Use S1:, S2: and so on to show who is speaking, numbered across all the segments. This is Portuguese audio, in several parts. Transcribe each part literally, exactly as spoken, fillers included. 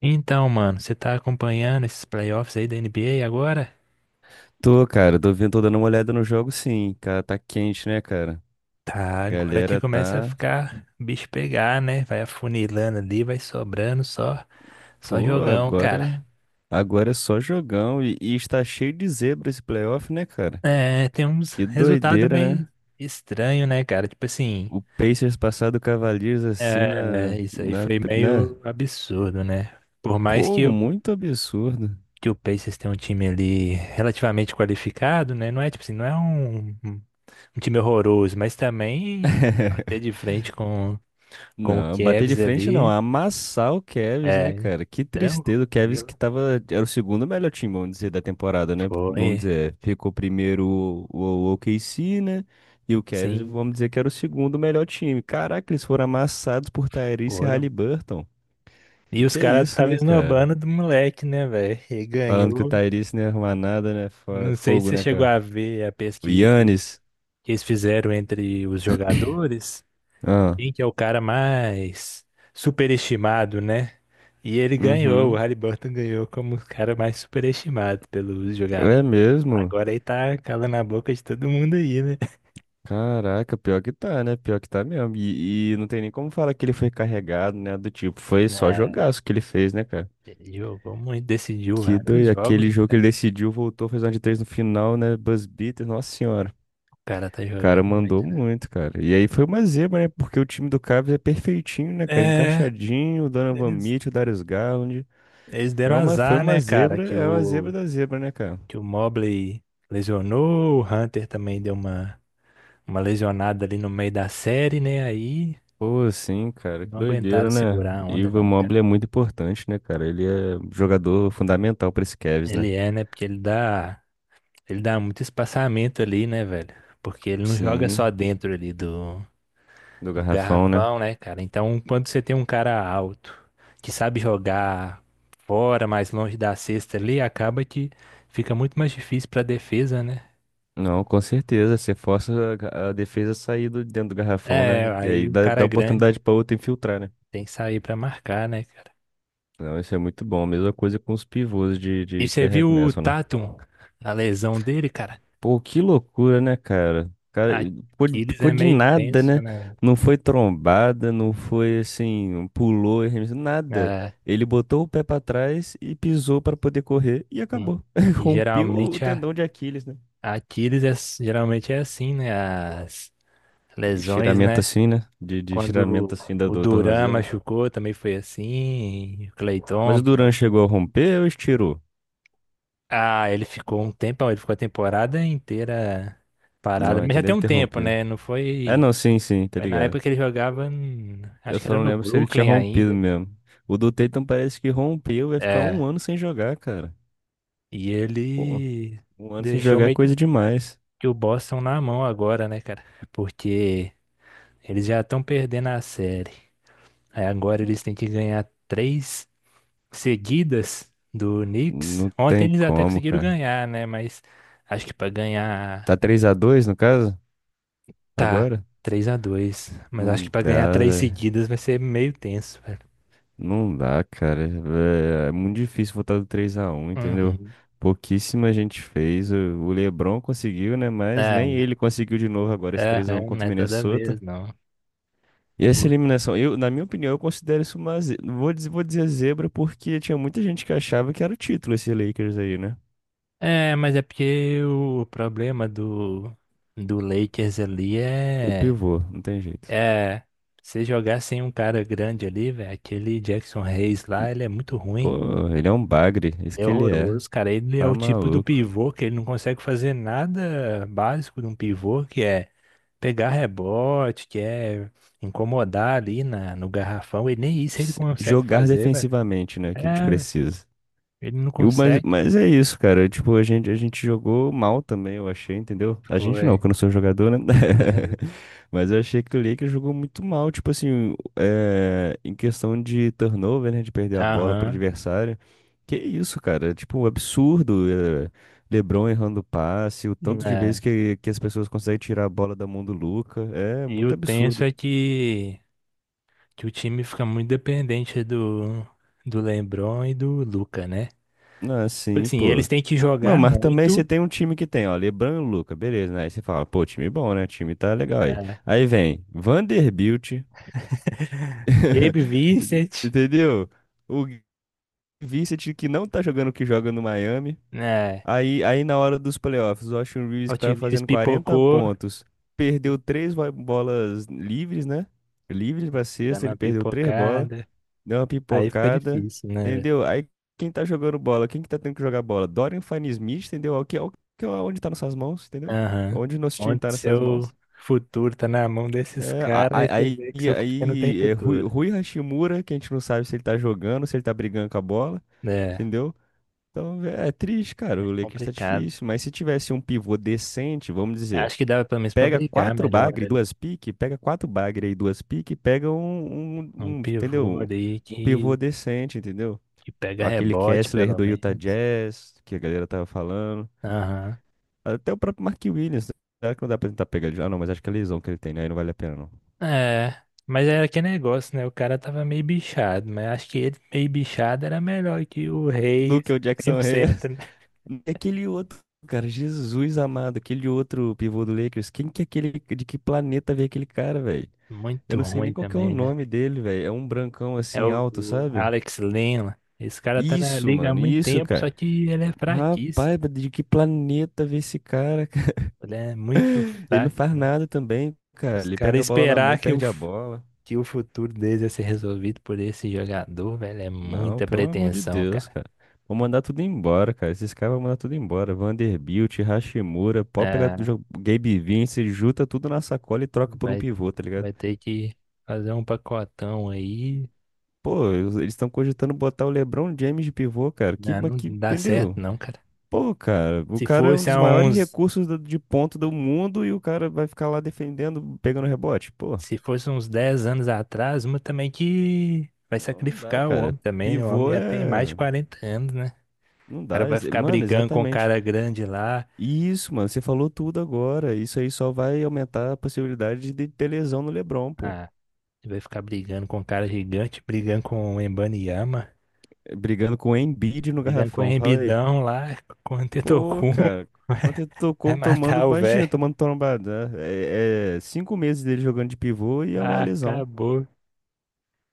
S1: Então, mano, você tá acompanhando esses playoffs aí da N B A agora?
S2: Tô, cara, tô vindo, tô dando uma olhada no jogo, sim. Cara, tá quente, né, cara?
S1: Tá, agora que
S2: Galera
S1: começa a
S2: tá.
S1: ficar o bicho pegar, né? Vai afunilando ali, vai sobrando só, só
S2: Pô,
S1: jogão, cara.
S2: agora. Agora é só jogão e, e está cheio de zebra esse playoff, né, cara?
S1: É, tem uns
S2: Que
S1: resultados
S2: doideira, né?
S1: meio estranho, né, cara? Tipo assim,
S2: O Pacers passar do Cavaliers assim na,
S1: é, isso aí
S2: na,
S1: foi
S2: né?
S1: meio absurdo, né? Por mais
S2: Pô,
S1: que o,
S2: muito absurdo.
S1: que o Pacers tenha um time ali relativamente qualificado, né? Não é tipo assim, não é um, um um time horroroso, mas também bater de frente com com o
S2: Não, bater de
S1: Kevs
S2: frente não,
S1: ali.
S2: amassar o Cavs, né,
S1: É,
S2: cara? Que tristeza, o Cavs que
S1: tranquilo.
S2: tava, era o segundo melhor time, vamos dizer, da temporada, né?
S1: Foi,
S2: Vamos dizer, ficou primeiro o, o OKC, né? E o Cavs,
S1: sim,
S2: vamos dizer que era o segundo melhor time. Caraca, eles foram amassados por Tyrese e
S1: foram.
S2: Haliburton.
S1: E
S2: E
S1: os
S2: que é
S1: caras
S2: isso,
S1: estavam
S2: né, cara?
S1: esnobando do moleque, né, velho? E
S2: Falando que o
S1: ganhou.
S2: Tyrese não ia arrumar nada, né? Fo-
S1: Não sei se
S2: Fogo,
S1: você
S2: né,
S1: chegou
S2: cara?
S1: a ver a
S2: O
S1: pesquisa que
S2: Giannis.
S1: que eles fizeram entre os jogadores.
S2: Ah,
S1: Quem que é o cara mais superestimado, né? E ele ganhou, o
S2: uhum.
S1: Haliburton ganhou como o cara mais superestimado pelos
S2: É
S1: jogadores.
S2: mesmo.
S1: Agora ele tá calando a boca de todo mundo aí, né?
S2: Caraca, pior que tá, né? Pior que tá mesmo. E, e não tem nem como falar que ele foi carregado, né? Do tipo, foi só jogaço que ele fez, né, cara?
S1: Ele Jogou muito, decidiu
S2: Que
S1: vários
S2: doido.
S1: jogos,
S2: Aquele
S1: né,
S2: jogo que ele
S1: cara.
S2: decidiu, voltou, fez uma de três no final, né? Buzz beater, nossa senhora.
S1: O cara tá
S2: O cara,
S1: jogando
S2: mandou
S1: muito, né?
S2: muito, cara. E aí foi uma zebra, né? Porque o time do Cavs é perfeitinho, né, cara?
S1: É,
S2: Encaixadinho, o Donovan
S1: eles.
S2: Mitchell, o Darius Garland.
S1: Eles
S2: É
S1: deram
S2: uma, foi
S1: azar,
S2: uma
S1: né, cara,
S2: zebra,
S1: que
S2: é uma zebra
S1: o,
S2: da zebra, né, cara?
S1: que o Mobley lesionou, o Hunter também deu uma, uma lesionada ali no meio da série, né? Aí
S2: Pô, sim, cara, que
S1: não aguentaram
S2: doideira, né?
S1: segurar a
S2: E
S1: onda,
S2: o
S1: não, cara.
S2: Mobley é muito importante, né, cara? Ele é jogador fundamental para esse Cavs, né?
S1: Ele é, né? Porque ele dá, ele dá, muito espaçamento ali, né, velho? Porque ele não joga
S2: Sim,
S1: só dentro ali do,
S2: do
S1: do
S2: garrafão, né?
S1: garrafão, né, cara? Então, quando você tem um cara alto que sabe jogar fora, mais longe da cesta ali, acaba que fica muito mais difícil pra defesa, né?
S2: Não, com certeza. Você força a a defesa a sair do, dentro do garrafão,
S1: É,
S2: né? E aí
S1: aí o
S2: dá, dá
S1: cara grande
S2: oportunidade para outra infiltrar, né?
S1: tem que sair pra marcar, né, cara?
S2: Não, isso é muito bom. Mesma coisa com os pivôs de,
S1: E
S2: de que
S1: você viu o
S2: arremessam, né?
S1: Tatum, a lesão dele, cara?
S2: Pô, que loucura, né, cara? Cara, ficou
S1: Aquiles
S2: ficou
S1: é
S2: de
S1: meio
S2: nada,
S1: tenso,
S2: né?
S1: né?
S2: Não foi trombada, não foi assim, um pulou, nada.
S1: É,
S2: Ele botou o pé pra trás e pisou pra poder correr e
S1: e,
S2: acabou.
S1: e
S2: Rompeu o
S1: geralmente a,
S2: tendão de Aquiles, né?
S1: a Aquiles é, geralmente é assim, né? As lesões,
S2: Estiramento
S1: né?
S2: assim, né? De, de estiramento
S1: Quando
S2: assim da,
S1: o
S2: do
S1: Duran
S2: tornozelo, né?
S1: machucou, também foi assim. O Clay
S2: Mas o
S1: Thompson.
S2: Duran chegou a romper ou estirou?
S1: Ah, ele ficou um tempão, ele ficou a temporada inteira parado.
S2: Não,
S1: Mas
S2: então
S1: já tem
S2: deve
S1: um
S2: ter
S1: tempo,
S2: rompido.
S1: né? Não
S2: É,
S1: foi.
S2: não, sim, sim, tá
S1: Foi na
S2: ligado.
S1: época que ele jogava, em-
S2: Eu
S1: acho que
S2: só
S1: era
S2: não
S1: no
S2: lembro se ele tinha
S1: Brooklyn
S2: rompido
S1: ainda.
S2: mesmo. O do Tatum parece que rompeu, vai ficar
S1: É.
S2: um ano sem jogar, cara.
S1: E
S2: Pô.
S1: ele
S2: Um ano sem
S1: deixou
S2: jogar é
S1: meio que
S2: coisa demais.
S1: que o Boston na mão agora, né, cara? Porque eles já estão perdendo a série. Aí agora eles têm que ganhar três seguidas do Knicks.
S2: Não
S1: Ontem
S2: tem
S1: eles até
S2: como,
S1: conseguiram
S2: cara.
S1: ganhar, né? Mas acho que pra ganhar
S2: Tá três a dois no caso?
S1: tá
S2: Agora?
S1: três a dois, mas acho que
S2: Não
S1: pra ganhar
S2: dá,
S1: três
S2: velho.
S1: seguidas vai ser meio tenso, velho.
S2: Não dá, cara. Vé, É muito difícil voltar do três a um, entendeu?
S1: Uhum.
S2: Pouquíssima gente fez. O o LeBron conseguiu, né? Mas nem
S1: É,
S2: ele conseguiu de novo agora esse
S1: é,
S2: três a um
S1: é, não
S2: contra o
S1: é toda
S2: Minnesota.
S1: vez, não.
S2: E essa
S1: Por-
S2: eliminação, eu, na minha opinião, eu considero isso uma ze... Vou dizer, vou dizer zebra porque tinha muita gente que achava que era o título esse Lakers aí, né?
S1: É, mas é porque o problema do do Lakers ali
S2: O
S1: é
S2: pivô, não tem jeito.
S1: é você jogar sem um cara grande ali, velho, aquele Jackson Hayes lá, ele é muito ruim.
S2: Pô, ele é um bagre, isso
S1: É
S2: que ele é.
S1: horroroso, cara. Ele é
S2: Tá
S1: o tipo do
S2: maluco.
S1: pivô que ele não consegue fazer nada básico de um pivô, que é pegar rebote, que é incomodar ali na, no garrafão. E nem isso ele
S2: Se-
S1: consegue
S2: Jogar
S1: fazer, velho.
S2: defensivamente, né? Que a gente
S1: É,
S2: precisa.
S1: ele não
S2: E o- Mas,
S1: consegue.
S2: mas é isso, cara. Tipo, a gente, a gente jogou mal também, eu achei, entendeu? A gente não,
S1: Foi.
S2: que eu não sou jogador, né? Mas eu achei que o Lakers jogou muito mal, tipo assim, é, em questão de turnover, né? De perder a bola pro
S1: Aham.
S2: adversário. Que isso, cara? Tipo, um absurdo. é, LeBron errando passe, o tanto de vezes
S1: Né.
S2: que, que as pessoas conseguem tirar a bola da mão do Luca. É
S1: E
S2: muito
S1: o tenso
S2: absurdo.
S1: é que, que o time fica muito dependente do, do LeBron e do Luca, né?
S2: Ah,
S1: Tipo
S2: sim,
S1: Assim,
S2: pô.
S1: eles têm que
S2: Não,
S1: jogar
S2: mas também você
S1: muito.
S2: tem um time que tem, ó, LeBron e Luca, beleza, né? Aí você fala, pô, time bom, né? Time tá legal aí.
S1: Né?
S2: Aí vem Vanderbilt,
S1: Gabe Vincent,
S2: entendeu? O Vincent que não tá jogando o que joga no Miami.
S1: né?
S2: Aí, aí na hora dos playoffs, o Austin Reeves que
S1: Hot
S2: tava
S1: Wheels
S2: fazendo quarenta
S1: pipocou,
S2: pontos perdeu três bo- bolas livres, né? Livres pra
S1: dando
S2: sexta, ele
S1: uma
S2: perdeu três bolas.
S1: pipocada.
S2: Deu uma
S1: Aí fica
S2: pipocada,
S1: difícil, né, velho?
S2: entendeu? Aí quem tá jogando bola, quem que tá tendo que jogar bola? Dorian Finney-Smith, entendeu? É O que, é o que, é onde tá nessas mãos, entendeu?
S1: Aham.
S2: Onde nosso time
S1: Onde
S2: tá nessas
S1: seu
S2: mãos.
S1: futuro tá na mão desses
S2: É, a-
S1: caras e
S2: a-
S1: você
S2: aí
S1: vê que seu futuro não tem
S2: aí é Rui,
S1: futuro.
S2: Rui Hashimura, que a gente não sabe se ele tá jogando, se ele tá brigando com a bola,
S1: É,
S2: entendeu? Então é, é triste, cara. O Lakers tá
S1: complicado.
S2: difícil, mas se tivesse um pivô decente, vamos dizer,
S1: Acho que dava pelo menos pra
S2: pega
S1: brigar
S2: quatro
S1: melhor
S2: bagre e
S1: ali.
S2: duas pique, pega quatro bagre e duas pique, pega um, um,
S1: Um
S2: um,
S1: pivô
S2: entendeu?
S1: ali
S2: Um
S1: que,
S2: pivô decente, entendeu?
S1: que pega
S2: Aquele
S1: rebote,
S2: Kessler
S1: pelo
S2: do Utah
S1: menos.
S2: Jazz, que a galera tava falando.
S1: Aham.
S2: Até o próprio Mark Williams, né? Será que não dá pra tentar pegar ele? Ah, não, mas acho que é a lesão que ele tem, né? Aí não vale a pena, não.
S1: É. Mas era que negócio, né? O cara tava meio bichado, mas acho que ele meio bichado era melhor que o
S2: Do que
S1: Reis
S2: o Jackson
S1: cem por cento.
S2: Reyes.
S1: Né?
S2: E aquele outro, cara, Jesus amado, aquele outro pivô do Lakers. Quem que é aquele, de que planeta veio aquele cara, velho? Eu
S1: Muito
S2: não sei nem
S1: ruim
S2: qual que é o
S1: também, né?
S2: nome dele, velho. É um brancão
S1: É
S2: assim
S1: o,
S2: alto,
S1: o
S2: sabe?
S1: Alex Lema. Esse cara tá na
S2: Isso,
S1: liga há
S2: mano,
S1: muito
S2: isso,
S1: tempo,
S2: cara.
S1: só que ele é fraquíssimo.
S2: Rapaz, de que planeta veio esse cara, cara?
S1: Ele é muito
S2: Ele não
S1: fraco.
S2: faz nada também, cara.
S1: Os
S2: Ele
S1: caras
S2: pega a bola na
S1: esperar
S2: mão,
S1: que o,
S2: perde a
S1: f-
S2: bola.
S1: que o futuro deles ia ser resolvido por esse jogador, velho, é
S2: Não,
S1: muita
S2: pelo amor de
S1: pretensão,
S2: Deus,
S1: cara.
S2: cara. Vou mandar tudo embora, cara. Esses caras vão mandar tudo embora. Vanderbilt, Hashimura, pode pegar do
S1: É,
S2: jo- Gabe Vince, junta tudo na sacola e troca por um
S1: vai,
S2: pivô, tá ligado?
S1: vai ter que fazer um pacotão aí.
S2: Pô, eles estão cogitando botar o LeBron James de pivô, cara. Que,
S1: Não,
S2: mas que,
S1: não dá certo,
S2: entendeu?
S1: não, cara.
S2: Pô, cara, o
S1: Se
S2: cara é um
S1: fosse
S2: dos
S1: há
S2: maiores
S1: uns,
S2: recursos do- de ponto do mundo e o cara vai ficar lá defendendo, pegando rebote. Pô,
S1: se fosse uns dez anos atrás, uma também que vai
S2: não, não dá,
S1: sacrificar o
S2: cara.
S1: homem também, né? O homem
S2: Pivô
S1: já tem mais de
S2: é.
S1: quarenta anos, né?
S2: Não
S1: O cara
S2: dá.
S1: vai
S2: ex-
S1: ficar
S2: Mano,
S1: brigando com o
S2: exatamente.
S1: cara grande lá.
S2: Isso, mano, você falou tudo agora. Isso aí só vai aumentar a possibilidade de ter lesão no LeBron, pô.
S1: Ah, ele vai ficar brigando com o cara gigante, brigando com o Embanyama,
S2: Eh, Brigando com o Embiid no
S1: brigando com o
S2: garrafão. Fala aí.
S1: Embidão lá, com o
S2: Pô,
S1: Antetokounmpo.
S2: cara, ontem
S1: Vai
S2: tocou tomando,
S1: matar o
S2: imagina,
S1: velho.
S2: tomando trombada, né? É, é cinco meses dele jogando de pivô e é uma
S1: Ah,
S2: lesão.
S1: acabou.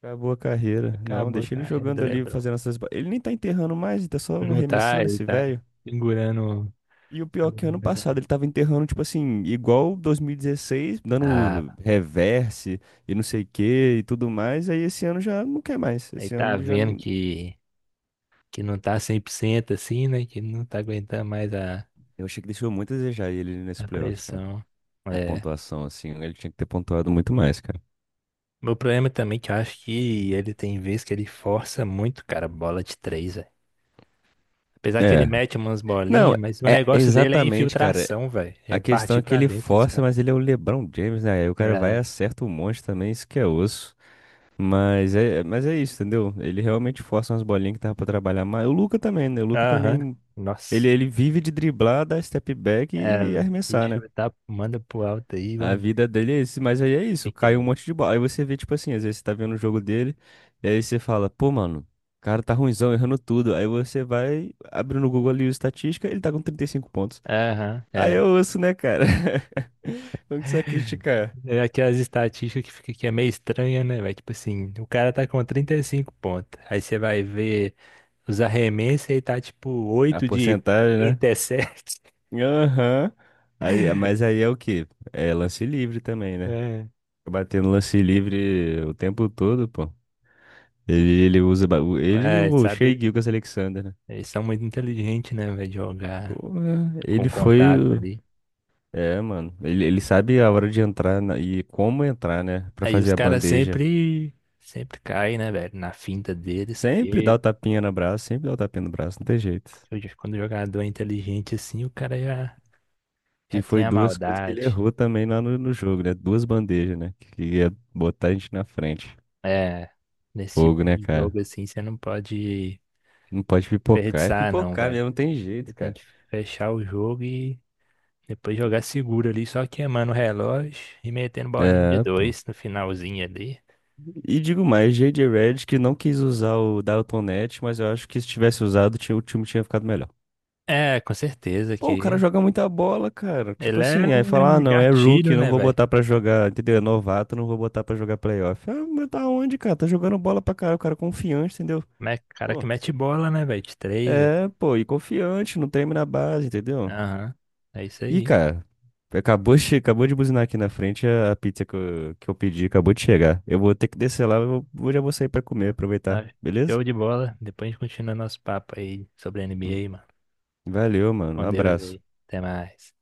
S2: Acabou a carreira. Não,
S1: Acabou a
S2: deixa ele
S1: carreira do
S2: jogando ali,
S1: LeBron.
S2: fazendo essas. ba- Ele nem tá enterrando mais, ele tá só
S1: Não tá,
S2: arremessando
S1: ele
S2: esse
S1: tá
S2: velho.
S1: segurando,
S2: E o pior que
S1: segurando
S2: ano
S1: mais a...
S2: passado ele
S1: mão.
S2: tava enterrando, tipo assim, igual dois mil e dezesseis,
S1: Ah,
S2: dando reverse e não sei o que e tudo mais. Aí esse ano já não quer mais.
S1: ele
S2: Esse ano
S1: tá
S2: ele já.
S1: vendo
S2: não-
S1: que, que não tá cem por cento assim, né? Que não tá aguentando mais a,
S2: Eu achei que deixou muito a desejar ele nesse
S1: a
S2: playoffs, cara.
S1: pressão.
S2: A
S1: É.
S2: pontuação, assim, ele tinha que ter pontuado muito mais, cara.
S1: Meu problema também é que eu acho que ele tem vezes que ele força muito, cara, bola de três, velho. Apesar que ele
S2: É.
S1: mete umas
S2: Não,
S1: bolinhas, mas o
S2: é
S1: negócio dele é
S2: exatamente, cara.
S1: infiltração, velho. É
S2: A questão
S1: partir
S2: é que
S1: pra
S2: ele
S1: dentro dos
S2: força,
S1: caras.
S2: mas ele é o LeBron James, né? Aí o cara vai e
S1: É.
S2: acerta um monte também, isso que é osso. Mas é, mas é isso, entendeu? Ele realmente força umas bolinhas que tava pra trabalhar mais. O Luka também, né? O Luka
S1: Aham.
S2: também. Ele,
S1: Nossa.
S2: ele vive de driblar, dar step back
S1: É.
S2: e arremessar, né?
S1: Ixi, tá, manda pro alto aí,
S2: A
S1: vamos ver
S2: vida dele é isso, mas aí é
S1: o
S2: isso,
S1: que que dá.
S2: caiu um monte de bola. Aí você vê, tipo assim, às vezes você tá vendo o jogo dele, e aí você fala, pô, mano, o cara tá ruinzão, errando tudo. Aí você vai abrindo no Google ali o estatística, ele tá com trinta e cinco pontos.
S1: Aham,
S2: Aí
S1: é.
S2: eu ouço, né, cara? Como que você vai criticar?
S1: É aquelas estatísticas que fica que é meio estranha, né, velho? Tipo assim, o cara tá com trinta e cinco pontos. Aí você vai ver os arremessos e tá tipo
S2: A
S1: oito
S2: porcentagem, né?
S1: de 37.
S2: Aham. Aí, mas aí é o quê? É lance livre também, né? Batendo lance livre o tempo todo, pô. Ele, ele usa. ba- o- Ele e
S1: É,
S2: o Shea
S1: sabe?
S2: Gilgeous-Alexander, né?
S1: Eles são muito inteligentes, né, velho? Jogar
S2: Porra,
S1: com
S2: ele foi.
S1: contato
S2: o-
S1: ali.
S2: É, mano. Ele, ele sabe a hora de entrar na- e como entrar, né? Pra
S1: Aí os
S2: fazer a
S1: caras
S2: bandeja.
S1: sempre, sempre caem, né, velho? Na finta deles,
S2: Sempre dá
S1: porque
S2: o tapinha no braço, sempre dá o tapinha no braço, não tem jeito.
S1: hoje quando o jogador é inteligente assim, o cara já, já,
S2: E
S1: tem
S2: foi
S1: a
S2: duas coisas que ele
S1: maldade.
S2: errou também lá no, no jogo, né? Duas bandejas, né? Que ia botar a gente na frente.
S1: É, nesse
S2: Fogo,
S1: tipo
S2: né,
S1: de
S2: cara?
S1: jogo assim, você não pode
S2: Não pode pipocar, é
S1: desperdiçar, não,
S2: pipocar
S1: velho.
S2: mesmo, não tem
S1: Você
S2: jeito,
S1: tem
S2: cara.
S1: que fechar o jogo e depois jogar seguro ali, só queimando o relógio e metendo bolinha de
S2: É, pô.
S1: dois no finalzinho ali.
S2: E digo mais, J J Redick não quis usar o Dalton Neto, mas eu acho que se tivesse usado, tinha- o time tinha ficado melhor.
S1: É, com certeza
S2: Pô, o cara
S1: que.
S2: joga muita bola, cara. Tipo
S1: Ele é
S2: assim, aí fala, ah, não, é
S1: gatilho,
S2: rookie, não
S1: né,
S2: vou
S1: velho?
S2: botar pra jogar, entendeu? É novato, não vou botar pra jogar playoff. Ah, mas tá onde, cara? Tá jogando bola pra caralho, o cara é confiante, entendeu?
S1: Me- Cara
S2: Pô,
S1: que mete bola, né, velho? De três, velho.
S2: é, pô, e confiante, não treme na base, entendeu?
S1: Aham. É isso
S2: Ih,
S1: aí.
S2: cara, acabou, che- acabou de buzinar aqui na frente a a pizza que eu, que eu pedi, acabou de chegar. Eu vou ter que descer lá, eu vou- já vou sair pra comer, aproveitar,
S1: Ah,
S2: beleza?
S1: Show de bola. Depois a gente continua nosso papo aí sobre
S2: V-
S1: N B A, mano.
S2: Valeu, mano, um
S1: Com Deus
S2: abraço.
S1: aí. Até mais.